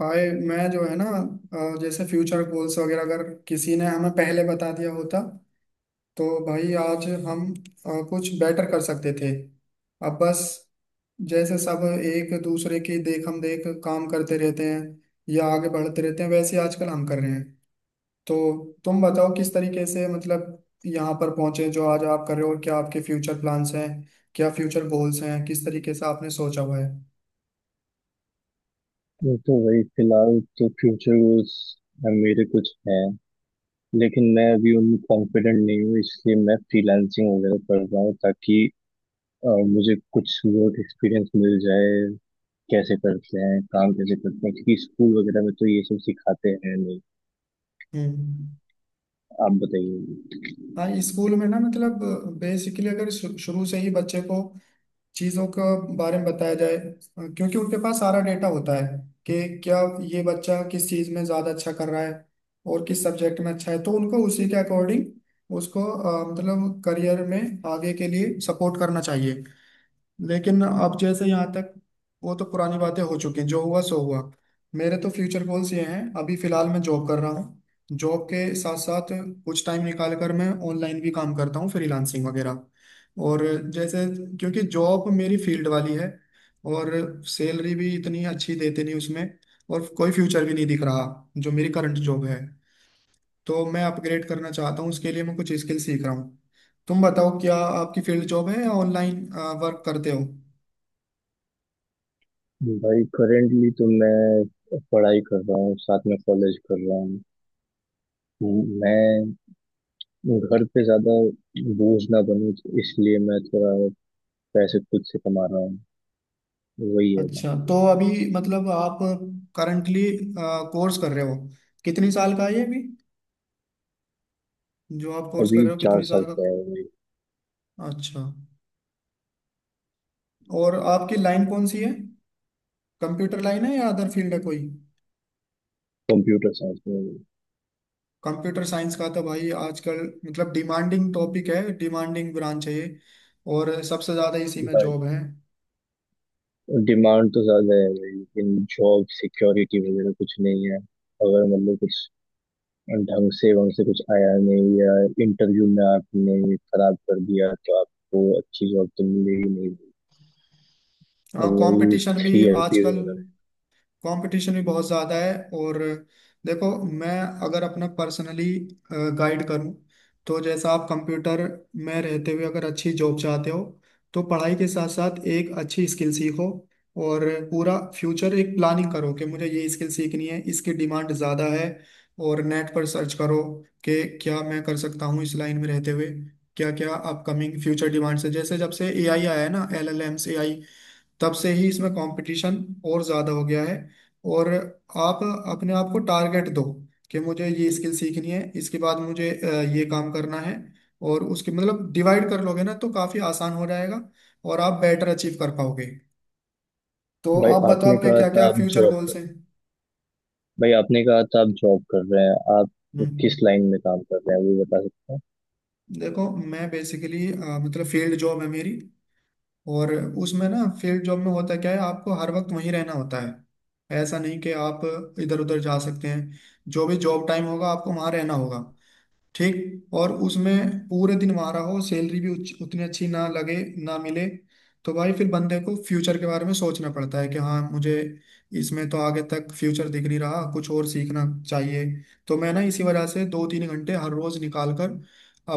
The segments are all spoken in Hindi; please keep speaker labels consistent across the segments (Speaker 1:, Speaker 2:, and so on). Speaker 1: भाई, मैं जो है ना जैसे फ्यूचर गोल्स वगैरह, अगर किसी ने हमें पहले बता दिया होता तो भाई आज हम कुछ बेटर कर सकते थे। अब बस, जैसे सब एक दूसरे की देख हम देख काम करते रहते हैं या आगे बढ़ते रहते हैं वैसे ही आजकल हम कर रहे हैं। तो तुम बताओ किस तरीके से मतलब यहाँ पर पहुंचे जो आज आप कर रहे हो, और क्या आपके फ्यूचर प्लान्स हैं, क्या फ्यूचर गोल्स हैं, किस तरीके से आपने सोचा हुआ है?
Speaker 2: मैं तो वही फिलहाल तो फ्यूचर गोल्स मेरे कुछ हैं। लेकिन मैं अभी उनमें कॉन्फिडेंट नहीं हूँ, इसलिए मैं फ्रीलांसिंग वगैरह कर रहा हूँ ताकि अ, मुझे कुछ वर्क एक्सपीरियंस मिल जाए। कैसे करते हैं काम, कैसे करते हैं, क्योंकि स्कूल वगैरह में तो ये सब सिखाते हैं नहीं।
Speaker 1: हम्म।
Speaker 2: आप बताइए।
Speaker 1: हाँ, स्कूल में ना मतलब बेसिकली अगर शुरू से ही बच्चे को चीज़ों के बारे में बताया जाए, क्योंकि उनके पास सारा डेटा होता है कि क्या ये बच्चा किस चीज़ में ज़्यादा अच्छा कर रहा है और किस सब्जेक्ट में अच्छा है, तो उनको उसी के अकॉर्डिंग उसको मतलब करियर में आगे के लिए सपोर्ट करना चाहिए। लेकिन अब जैसे यहाँ तक, वो तो पुरानी बातें हो चुकी हैं, जो हुआ सो हुआ। मेरे तो फ्यूचर गोल्स ये हैं, अभी फिलहाल मैं जॉब कर रहा हूँ। जॉब के साथ साथ कुछ टाइम निकाल कर मैं ऑनलाइन भी काम करता हूँ, फ्रीलांसिंग वगैरह। और जैसे, क्योंकि जॉब मेरी फील्ड वाली है और सैलरी भी इतनी अच्छी देते नहीं उसमें, और कोई फ्यूचर भी नहीं दिख रहा जो मेरी करंट जॉब है, तो मैं अपग्रेड करना चाहता हूँ, उसके लिए मैं कुछ स्किल सीख रहा हूँ। तुम बताओ, क्या आपकी फील्ड जॉब है या ऑनलाइन वर्क करते हो?
Speaker 2: भाई करेंटली तो मैं पढ़ाई कर रहा हूँ, साथ में कॉलेज कर रहा हूँ। मैं घर पे ज्यादा बोझ ना बनूं, इसलिए मैं थोड़ा पैसे खुद से कमा रहा हूँ। वही है ना।
Speaker 1: अच्छा, तो अभी मतलब आप करंटली कोर्स कर रहे हो, कितनी साल का है ये, अभी जो आप कोर्स कर
Speaker 2: अभी
Speaker 1: रहे हो
Speaker 2: चार
Speaker 1: कितनी साल
Speaker 2: साल
Speaker 1: का?
Speaker 2: का है वही।
Speaker 1: अच्छा, और आपकी लाइन कौन सी है, कंप्यूटर लाइन है या अदर फील्ड है कोई?
Speaker 2: कंप्यूटर साइंस में।
Speaker 1: कंप्यूटर साइंस का तो भाई आजकल मतलब डिमांडिंग टॉपिक है, डिमांडिंग ब्रांच है ये, और सबसे ज़्यादा इसी में
Speaker 2: भाई
Speaker 1: जॉब है।
Speaker 2: डिमांड तो ज्यादा है भाई, लेकिन जॉब सिक्योरिटी वगैरह कुछ नहीं है। अगर मतलब कुछ ढंग से वहां से कुछ आया नहीं, या इंटरव्यू में आपने खराब कर दिया तो आपको अच्छी जॉब तो मिलेगी नहीं।
Speaker 1: हाँ
Speaker 2: वही
Speaker 1: कंपटीशन भी,
Speaker 2: थ्री ईयर पीरियड
Speaker 1: आजकल
Speaker 2: वगैरह।
Speaker 1: कंपटीशन भी बहुत ज़्यादा है। और देखो, मैं अगर अपना पर्सनली गाइड करूं, तो जैसा आप कंप्यूटर में रहते हुए अगर अच्छी जॉब चाहते हो, तो पढ़ाई के साथ साथ एक अच्छी स्किल सीखो, और पूरा फ्यूचर एक प्लानिंग करो कि मुझे ये स्किल सीखनी है, इसकी डिमांड ज़्यादा है, और नेट पर सर्च करो कि क्या मैं कर सकता हूँ इस लाइन में रहते हुए, क्या क्या अपकमिंग फ्यूचर डिमांड्स है। जैसे जब से एआई आया है ना, एलएलएम्स, तब से ही इसमें कंपटीशन और ज़्यादा हो गया है। और आप अपने आप को टारगेट दो कि मुझे ये स्किल सीखनी है, इसके बाद मुझे ये काम करना है, और उसके मतलब डिवाइड कर लोगे ना तो काफ़ी आसान हो जाएगा, और आप बेटर अचीव कर पाओगे। तो
Speaker 2: भाई
Speaker 1: आप बताओ
Speaker 2: आपने
Speaker 1: आपके
Speaker 2: कहा
Speaker 1: क्या
Speaker 2: था
Speaker 1: क्या
Speaker 2: आप
Speaker 1: फ्यूचर
Speaker 2: जॉब कर
Speaker 1: गोल्स हैं?
Speaker 2: भाई आपने कहा था आप जॉब कर रहे हैं, आप किस
Speaker 1: हम्म।
Speaker 2: लाइन में काम कर रहे हैं वो बता सकते
Speaker 1: देखो, मैं बेसिकली मतलब फील्ड जॉब है मेरी, और उसमें ना फील्ड जॉब में होता क्या है, आपको हर वक्त वहीं रहना होता है। ऐसा नहीं कि आप इधर उधर जा सकते हैं, जो भी जॉब टाइम होगा आपको वहां रहना होगा। ठीक, और उसमें पूरे दिन वहां रहो, सैलरी भी उतनी अच्छी ना लगे, ना मिले। तो भाई फिर बंदे को फ्यूचर के बारे में सोचना पड़ता है कि हाँ, मुझे इसमें तो आगे तक फ्यूचर दिख नहीं रहा, कुछ और सीखना चाहिए। तो मैं ना इसी वजह से दो तीन घंटे हर रोज निकाल कर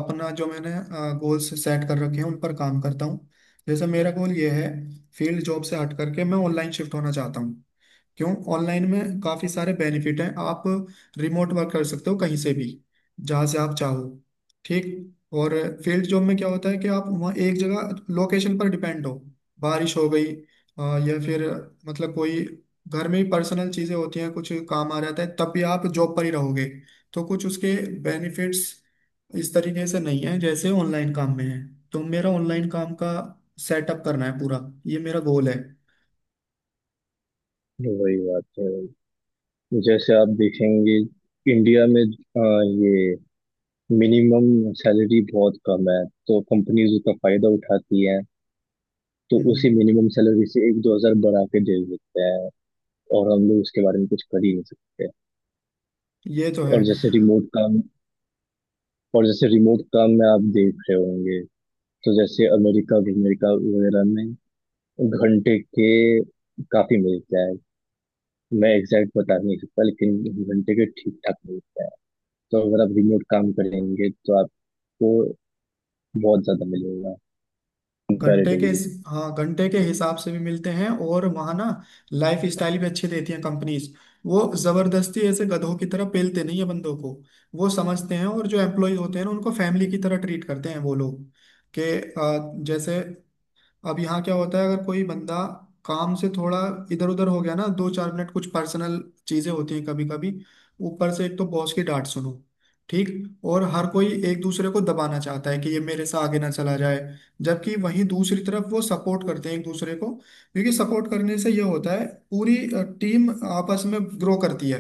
Speaker 1: अपना, जो मैंने गोल्स सेट कर रखे हैं, उन पर काम करता हूँ। जैसे मेरा गोल ये है, फील्ड जॉब से हट करके मैं ऑनलाइन शिफ्ट होना चाहता हूँ। क्यों? ऑनलाइन में काफी सारे बेनिफिट हैं, आप रिमोट वर्क कर सकते हो कहीं से भी, जहां से आप चाहो। ठीक। और फील्ड जॉब में क्या होता है कि आप वहाँ एक जगह लोकेशन पर डिपेंड हो, बारिश हो गई, या फिर मतलब कोई घर में ही पर्सनल चीजें होती हैं, कुछ काम आ जाता है, तब भी आप जॉब पर ही रहोगे। तो कुछ उसके बेनिफिट्स इस तरीके से नहीं है जैसे ऑनलाइन काम में है। तो मेरा ऑनलाइन काम का सेटअप करना है पूरा, ये मेरा गोल है।
Speaker 2: हैं। वही बात है। जैसे आप देखेंगे, इंडिया में ये मिनिमम सैलरी बहुत कम है तो कंपनीज उसका फायदा उठाती हैं। तो उसी
Speaker 1: हम्म।
Speaker 2: मिनिमम सैलरी से एक दो हजार बढ़ा के दे देते हैं, और हम लोग उसके बारे में कुछ कर ही नहीं सकते।
Speaker 1: ये तो है।
Speaker 2: और जैसे रिमोट काम और जैसे रिमोट काम में आप देख रहे होंगे, तो जैसे अमेरिका अमेरिका वगैरह में घंटे के काफी मिलता है। मैं एग्जैक्ट बता नहीं सकता, लेकिन घंटे के ठीक ठाक मिलता है। तो अगर आप रिमोट काम करेंगे तो आप बहुत ज्यादा मिलेगा कंपैरेटिवली।
Speaker 1: हाँ, घंटे के हिसाब से भी मिलते हैं, और वहाँ ना लाइफ स्टाइल भी अच्छी देती हैं कंपनीज। वो जबरदस्ती ऐसे गधों की तरह पेलते नहीं है बंदों को, वो समझते हैं, और जो एम्प्लॉय होते हैं ना उनको फैमिली की तरह ट्रीट करते हैं वो लोग। के जैसे, अब यहाँ क्या होता है, अगर कोई बंदा काम से थोड़ा इधर उधर हो गया ना, दो चार मिनट, कुछ पर्सनल चीजें होती हैं कभी कभी, ऊपर से एक तो बॉस की डांट सुनो। ठीक। और हर कोई एक दूसरे को दबाना चाहता है कि ये मेरे से आगे ना चला जाए, जबकि वहीं दूसरी तरफ वो सपोर्ट करते हैं एक दूसरे को, क्योंकि सपोर्ट करने से ये होता है पूरी टीम आपस में ग्रो करती है।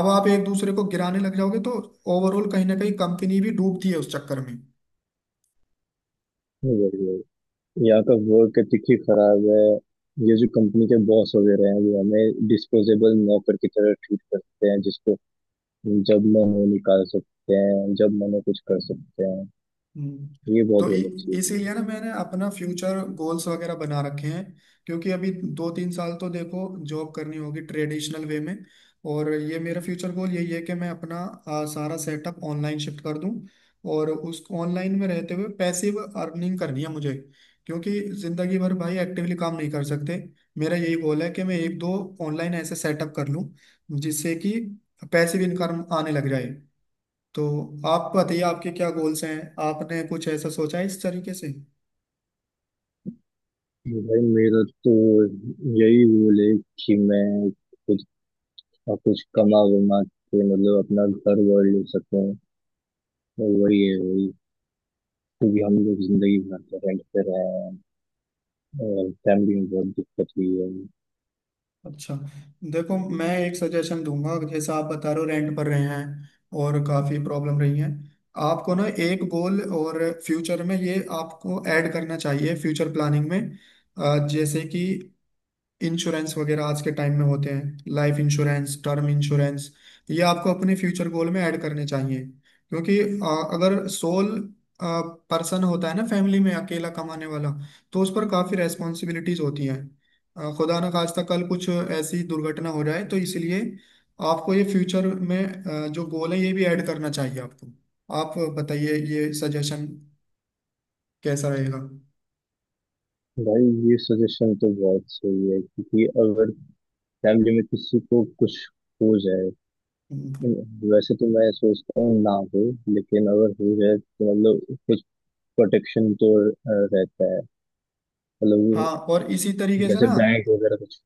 Speaker 1: अब आप एक दूसरे को गिराने लग जाओगे तो ओवरऑल कहीं ना कहीं कंपनी भी डूबती है उस चक्कर में।
Speaker 2: वही वही। यहाँ का वर्क एथिक ही खराब है। ये जो कंपनी के बॉस वगैरह हैं वो हमें डिस्पोजेबल नौकर की तरह ट्रीट करते हैं, जिसको जब मन हो निकाल सकते हैं, जब मन हो कुछ कर सकते हैं।
Speaker 1: हम्म।
Speaker 2: ये बहुत
Speaker 1: तो
Speaker 2: गलत
Speaker 1: इ-
Speaker 2: चीज है।
Speaker 1: इसीलिए ना मैंने अपना फ्यूचर गोल्स वगैरह बना रखे हैं, क्योंकि अभी दो तीन साल तो देखो जॉब करनी होगी ट्रेडिशनल वे में, और ये मेरा फ्यूचर गोल यही है कि मैं अपना सारा सेटअप ऑनलाइन शिफ्ट कर दूं, और उस ऑनलाइन में रहते हुए पैसिव अर्निंग करनी है मुझे। क्योंकि जिंदगी भर भाई एक्टिवली काम नहीं कर सकते, मेरा यही गोल है कि मैं एक दो ऑनलाइन ऐसे सेटअप कर लूं जिससे कि पैसिव इनकम आने लग जाए। तो आप बताइए आपके क्या गोल्स हैं, आपने कुछ ऐसा सोचा है इस तरीके से?
Speaker 2: तो भाई मेरा तो यही गोल है कि मैं कुछ कुछ कमा वमा के मतलब अपना घर वर ले सकूँ। वही है वही। क्योंकि हम लोग जिंदगी भर रेंट पे रहे हैं और फैमिली में बहुत दिक्कत हुई है।
Speaker 1: अच्छा, देखो मैं एक सजेशन दूंगा, जैसे आप बता रहे हो रेंट पर रहे हैं और काफ़ी प्रॉब्लम रही है। आपको ना एक गोल और फ्यूचर में ये आपको ऐड करना चाहिए फ्यूचर प्लानिंग में, जैसे कि इंश्योरेंस वगैरह आज के टाइम में होते हैं, लाइफ इंश्योरेंस, टर्म इंश्योरेंस, ये आपको अपने फ्यूचर गोल में ऐड करने चाहिए। क्योंकि अगर सोल पर्सन होता है ना, फैमिली में अकेला कमाने वाला, तो उस पर काफ़ी रेस्पॉन्सिबिलिटीज होती हैं। खुदा ना खास्ता कल कुछ ऐसी दुर्घटना हो जाए, तो इसलिए आपको ये फ्यूचर में जो गोल है ये भी ऐड करना चाहिए आपको। आप बताइए ये सजेशन कैसा रहेगा?
Speaker 2: भाई ये सजेशन तो बहुत सही है, क्योंकि अगर फैमिली में किसी को कुछ हो जाए,
Speaker 1: हम्म।
Speaker 2: वैसे तो मैं सोचता हूँ ना हो, लेकिन अगर हो जाए तो मतलब कुछ प्रोटेक्शन तो रहता है। मतलब वो
Speaker 1: हाँ, और इसी तरीके से
Speaker 2: जैसे
Speaker 1: ना,
Speaker 2: बैंक वगैरह कुछ।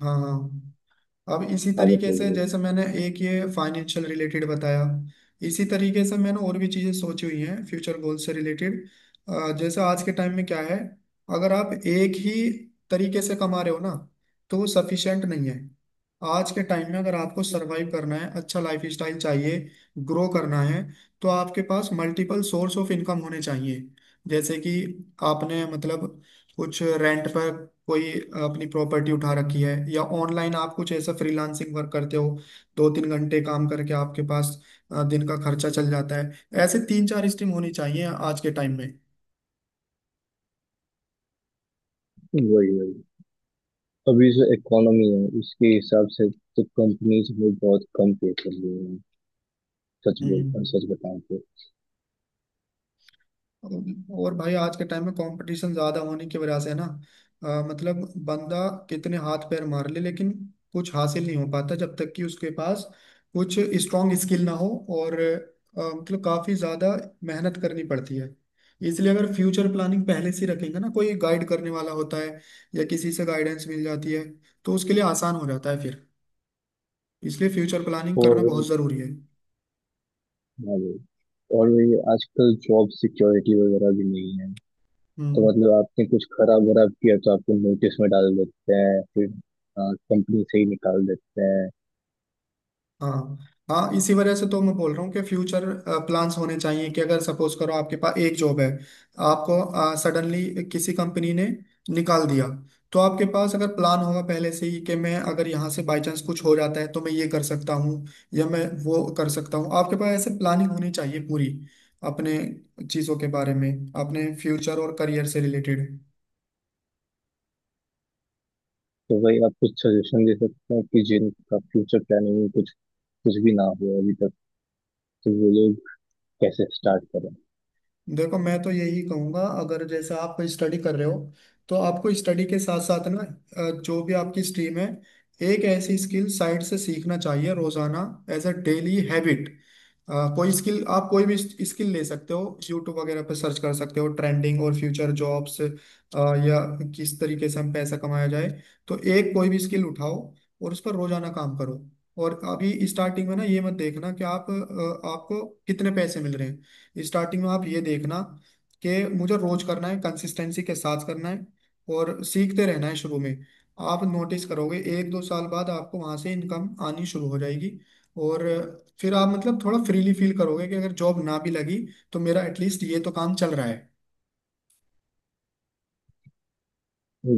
Speaker 1: हाँ हाँ, अब इसी
Speaker 2: हाँ
Speaker 1: तरीके से,
Speaker 2: बताइए।
Speaker 1: जैसे मैंने एक ये फाइनेंशियल रिलेटेड बताया, इसी तरीके से मैंने और भी चीज़ें सोची हुई हैं फ्यूचर गोल से रिलेटेड। जैसे आज के टाइम में क्या है, अगर आप एक ही तरीके से कमा रहे हो ना, तो वो सफिशिएंट नहीं है। आज के टाइम में अगर आपको सरवाइव करना है, अच्छा लाइफ स्टाइल चाहिए, ग्रो करना है, तो आपके पास मल्टीपल सोर्स ऑफ इनकम होने चाहिए। जैसे कि आपने मतलब कुछ रेंट पर कोई अपनी प्रॉपर्टी उठा रखी है, या ऑनलाइन आप कुछ ऐसा फ्रीलांसिंग वर्क करते हो, दो तीन घंटे काम करके आपके पास दिन का खर्चा चल जाता है। ऐसे तीन चार स्ट्रीम होनी चाहिए आज के टाइम में।
Speaker 2: वही वही। अभी जो इकोनॉमी है उसके हिसाब से तो कंपनीज में बहुत कम पे कर रही हैं, सच बोल,
Speaker 1: हम्म।
Speaker 2: सच बताऊं तो।
Speaker 1: और भाई आज के टाइम में कंपटीशन ज्यादा होने की वजह से ना मतलब बंदा कितने हाथ पैर मार ले, लेकिन कुछ हासिल नहीं हो पाता जब तक कि उसके पास कुछ स्ट्रांग स्किल ना हो, और मतलब काफी ज्यादा मेहनत करनी पड़ती है। इसलिए अगर फ्यूचर प्लानिंग पहले से ही रखेंगे ना, कोई गाइड करने वाला होता है या किसी से गाइडेंस मिल जाती है, तो उसके लिए आसान हो जाता है फिर। इसलिए फ्यूचर प्लानिंग
Speaker 2: और
Speaker 1: करना
Speaker 2: वही,
Speaker 1: बहुत जरूरी है।
Speaker 2: हाँ वही, और वही आजकल जॉब सिक्योरिटी वगैरह भी नहीं है। तो
Speaker 1: हम्म।
Speaker 2: मतलब आपने कुछ खराब वराब किया तो आपको नोटिस में डाल देते हैं, फिर कंपनी से ही निकाल देते हैं।
Speaker 1: हाँ, हाँ, इसी वजह से तो मैं बोल रहा हूँ कि फ्यूचर प्लान्स होने चाहिए, कि अगर सपोज करो आपके पास एक जॉब है, आपको सडनली किसी कंपनी ने निकाल दिया, तो आपके पास अगर प्लान होगा पहले से ही, कि मैं अगर यहाँ से बाय चांस कुछ हो जाता है तो मैं ये कर सकता हूँ या मैं वो कर सकता हूँ, आपके पास ऐसे प्लानिंग होनी चाहिए पूरी अपने चीज़ों के बारे में, अपने फ्यूचर और करियर से रिलेटेड।
Speaker 2: तो भाई आप कुछ सजेशन दे सकते हैं कि जिनका फ्यूचर प्लानिंग में कुछ कुछ भी ना हो अभी तक, तो वो लोग कैसे स्टार्ट करें।
Speaker 1: देखो मैं तो यही कहूंगा, अगर जैसे आप स्टडी कर रहे हो तो आपको स्टडी के साथ साथ ना जो भी आपकी स्ट्रीम है, एक ऐसी स्किल साइड से सीखना चाहिए रोजाना, एज अ डेली हैबिट। कोई स्किल, आप कोई भी स्किल ले सकते हो, यूट्यूब वगैरह पर सर्च कर सकते हो ट्रेंडिंग और फ्यूचर जॉब्स या किस तरीके से हम पैसा कमाया जाए। तो एक कोई भी स्किल उठाओ और उस पर रोजाना काम करो। और अभी स्टार्टिंग में ना ये मत देखना कि आप आपको कितने पैसे मिल रहे हैं, स्टार्टिंग में आप ये देखना कि मुझे रोज करना है, कंसिस्टेंसी के साथ करना है और सीखते रहना है शुरू में। आप नोटिस करोगे एक दो साल बाद आपको वहां से इनकम आनी शुरू हो जाएगी, और फिर आप मतलब थोड़ा फ्रीली फील करोगे कि अगर जॉब ना भी लगी तो मेरा एटलीस्ट ये तो काम चल रहा है।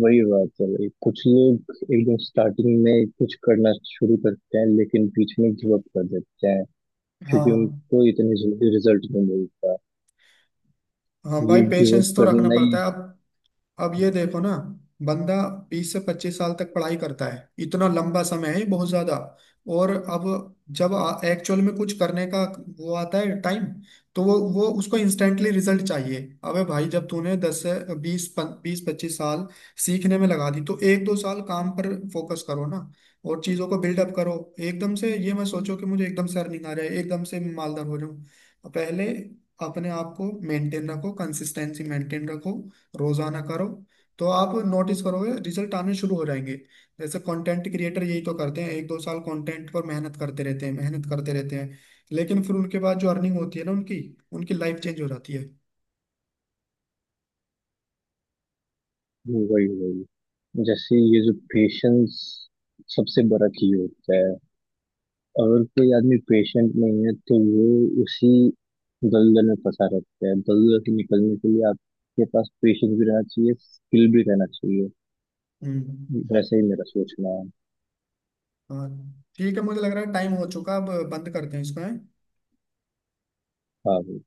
Speaker 2: वही बात है भाई, कुछ लोग एकदम स्टार्टिंग में कुछ करना शुरू करते हैं लेकिन बीच में गिव अप कर देते हैं, क्योंकि
Speaker 1: हाँ।
Speaker 2: उनको इतनी जल्दी रिजल्ट नहीं मिलता।
Speaker 1: हाँ,
Speaker 2: ये
Speaker 1: भाई
Speaker 2: गिव अप
Speaker 1: पेशेंस तो रखना
Speaker 2: करना ही।
Speaker 1: पड़ता है अब। अब ये देखो ना, बंदा 20 से 25 साल तक पढ़ाई करता है, इतना लंबा समय है ये, बहुत ज्यादा। और अब जब एक्चुअल में कुछ करने का वो आता है टाइम, तो वो उसको इंस्टेंटली रिजल्ट चाहिए। अबे भाई, जब तूने दस से बीस बीस पच्चीस साल सीखने में लगा दी, तो एक दो साल काम पर फोकस करो ना, और चीजों को बिल्डअप करो। एकदम से ये मत सोचो कि मुझे एकदम से अर्निंग आ रहा है, एकदम से मालदार हो जाऊं। पहले अपने आप को मेंटेन रखो, कंसिस्टेंसी मेंटेन रखो, रोजाना करो, तो आप नोटिस करोगे रिजल्ट आने शुरू हो जाएंगे। जैसे कंटेंट क्रिएटर यही तो करते हैं, एक दो साल कंटेंट पर मेहनत करते रहते हैं, मेहनत करते रहते हैं, लेकिन फिर उनके बाद जो अर्निंग होती है ना उनकी उनकी लाइफ चेंज हो जाती है।
Speaker 2: वही वही। जैसे ये जो पेशेंस सबसे बड़ा की होता है, अगर कोई आदमी पेशेंट नहीं है तो वो उसी दलदल में फंसा रहता है। दलदल से निकलने के लिए आपके पास पेशेंस भी रहना चाहिए, स्किल भी रहना चाहिए।
Speaker 1: हम्म।
Speaker 2: वैसे ही मेरा सोचना है।
Speaker 1: हाँ, ठीक है, मुझे लग रहा है टाइम हो चुका है, अब बंद करते हैं इसको है।
Speaker 2: हाँ।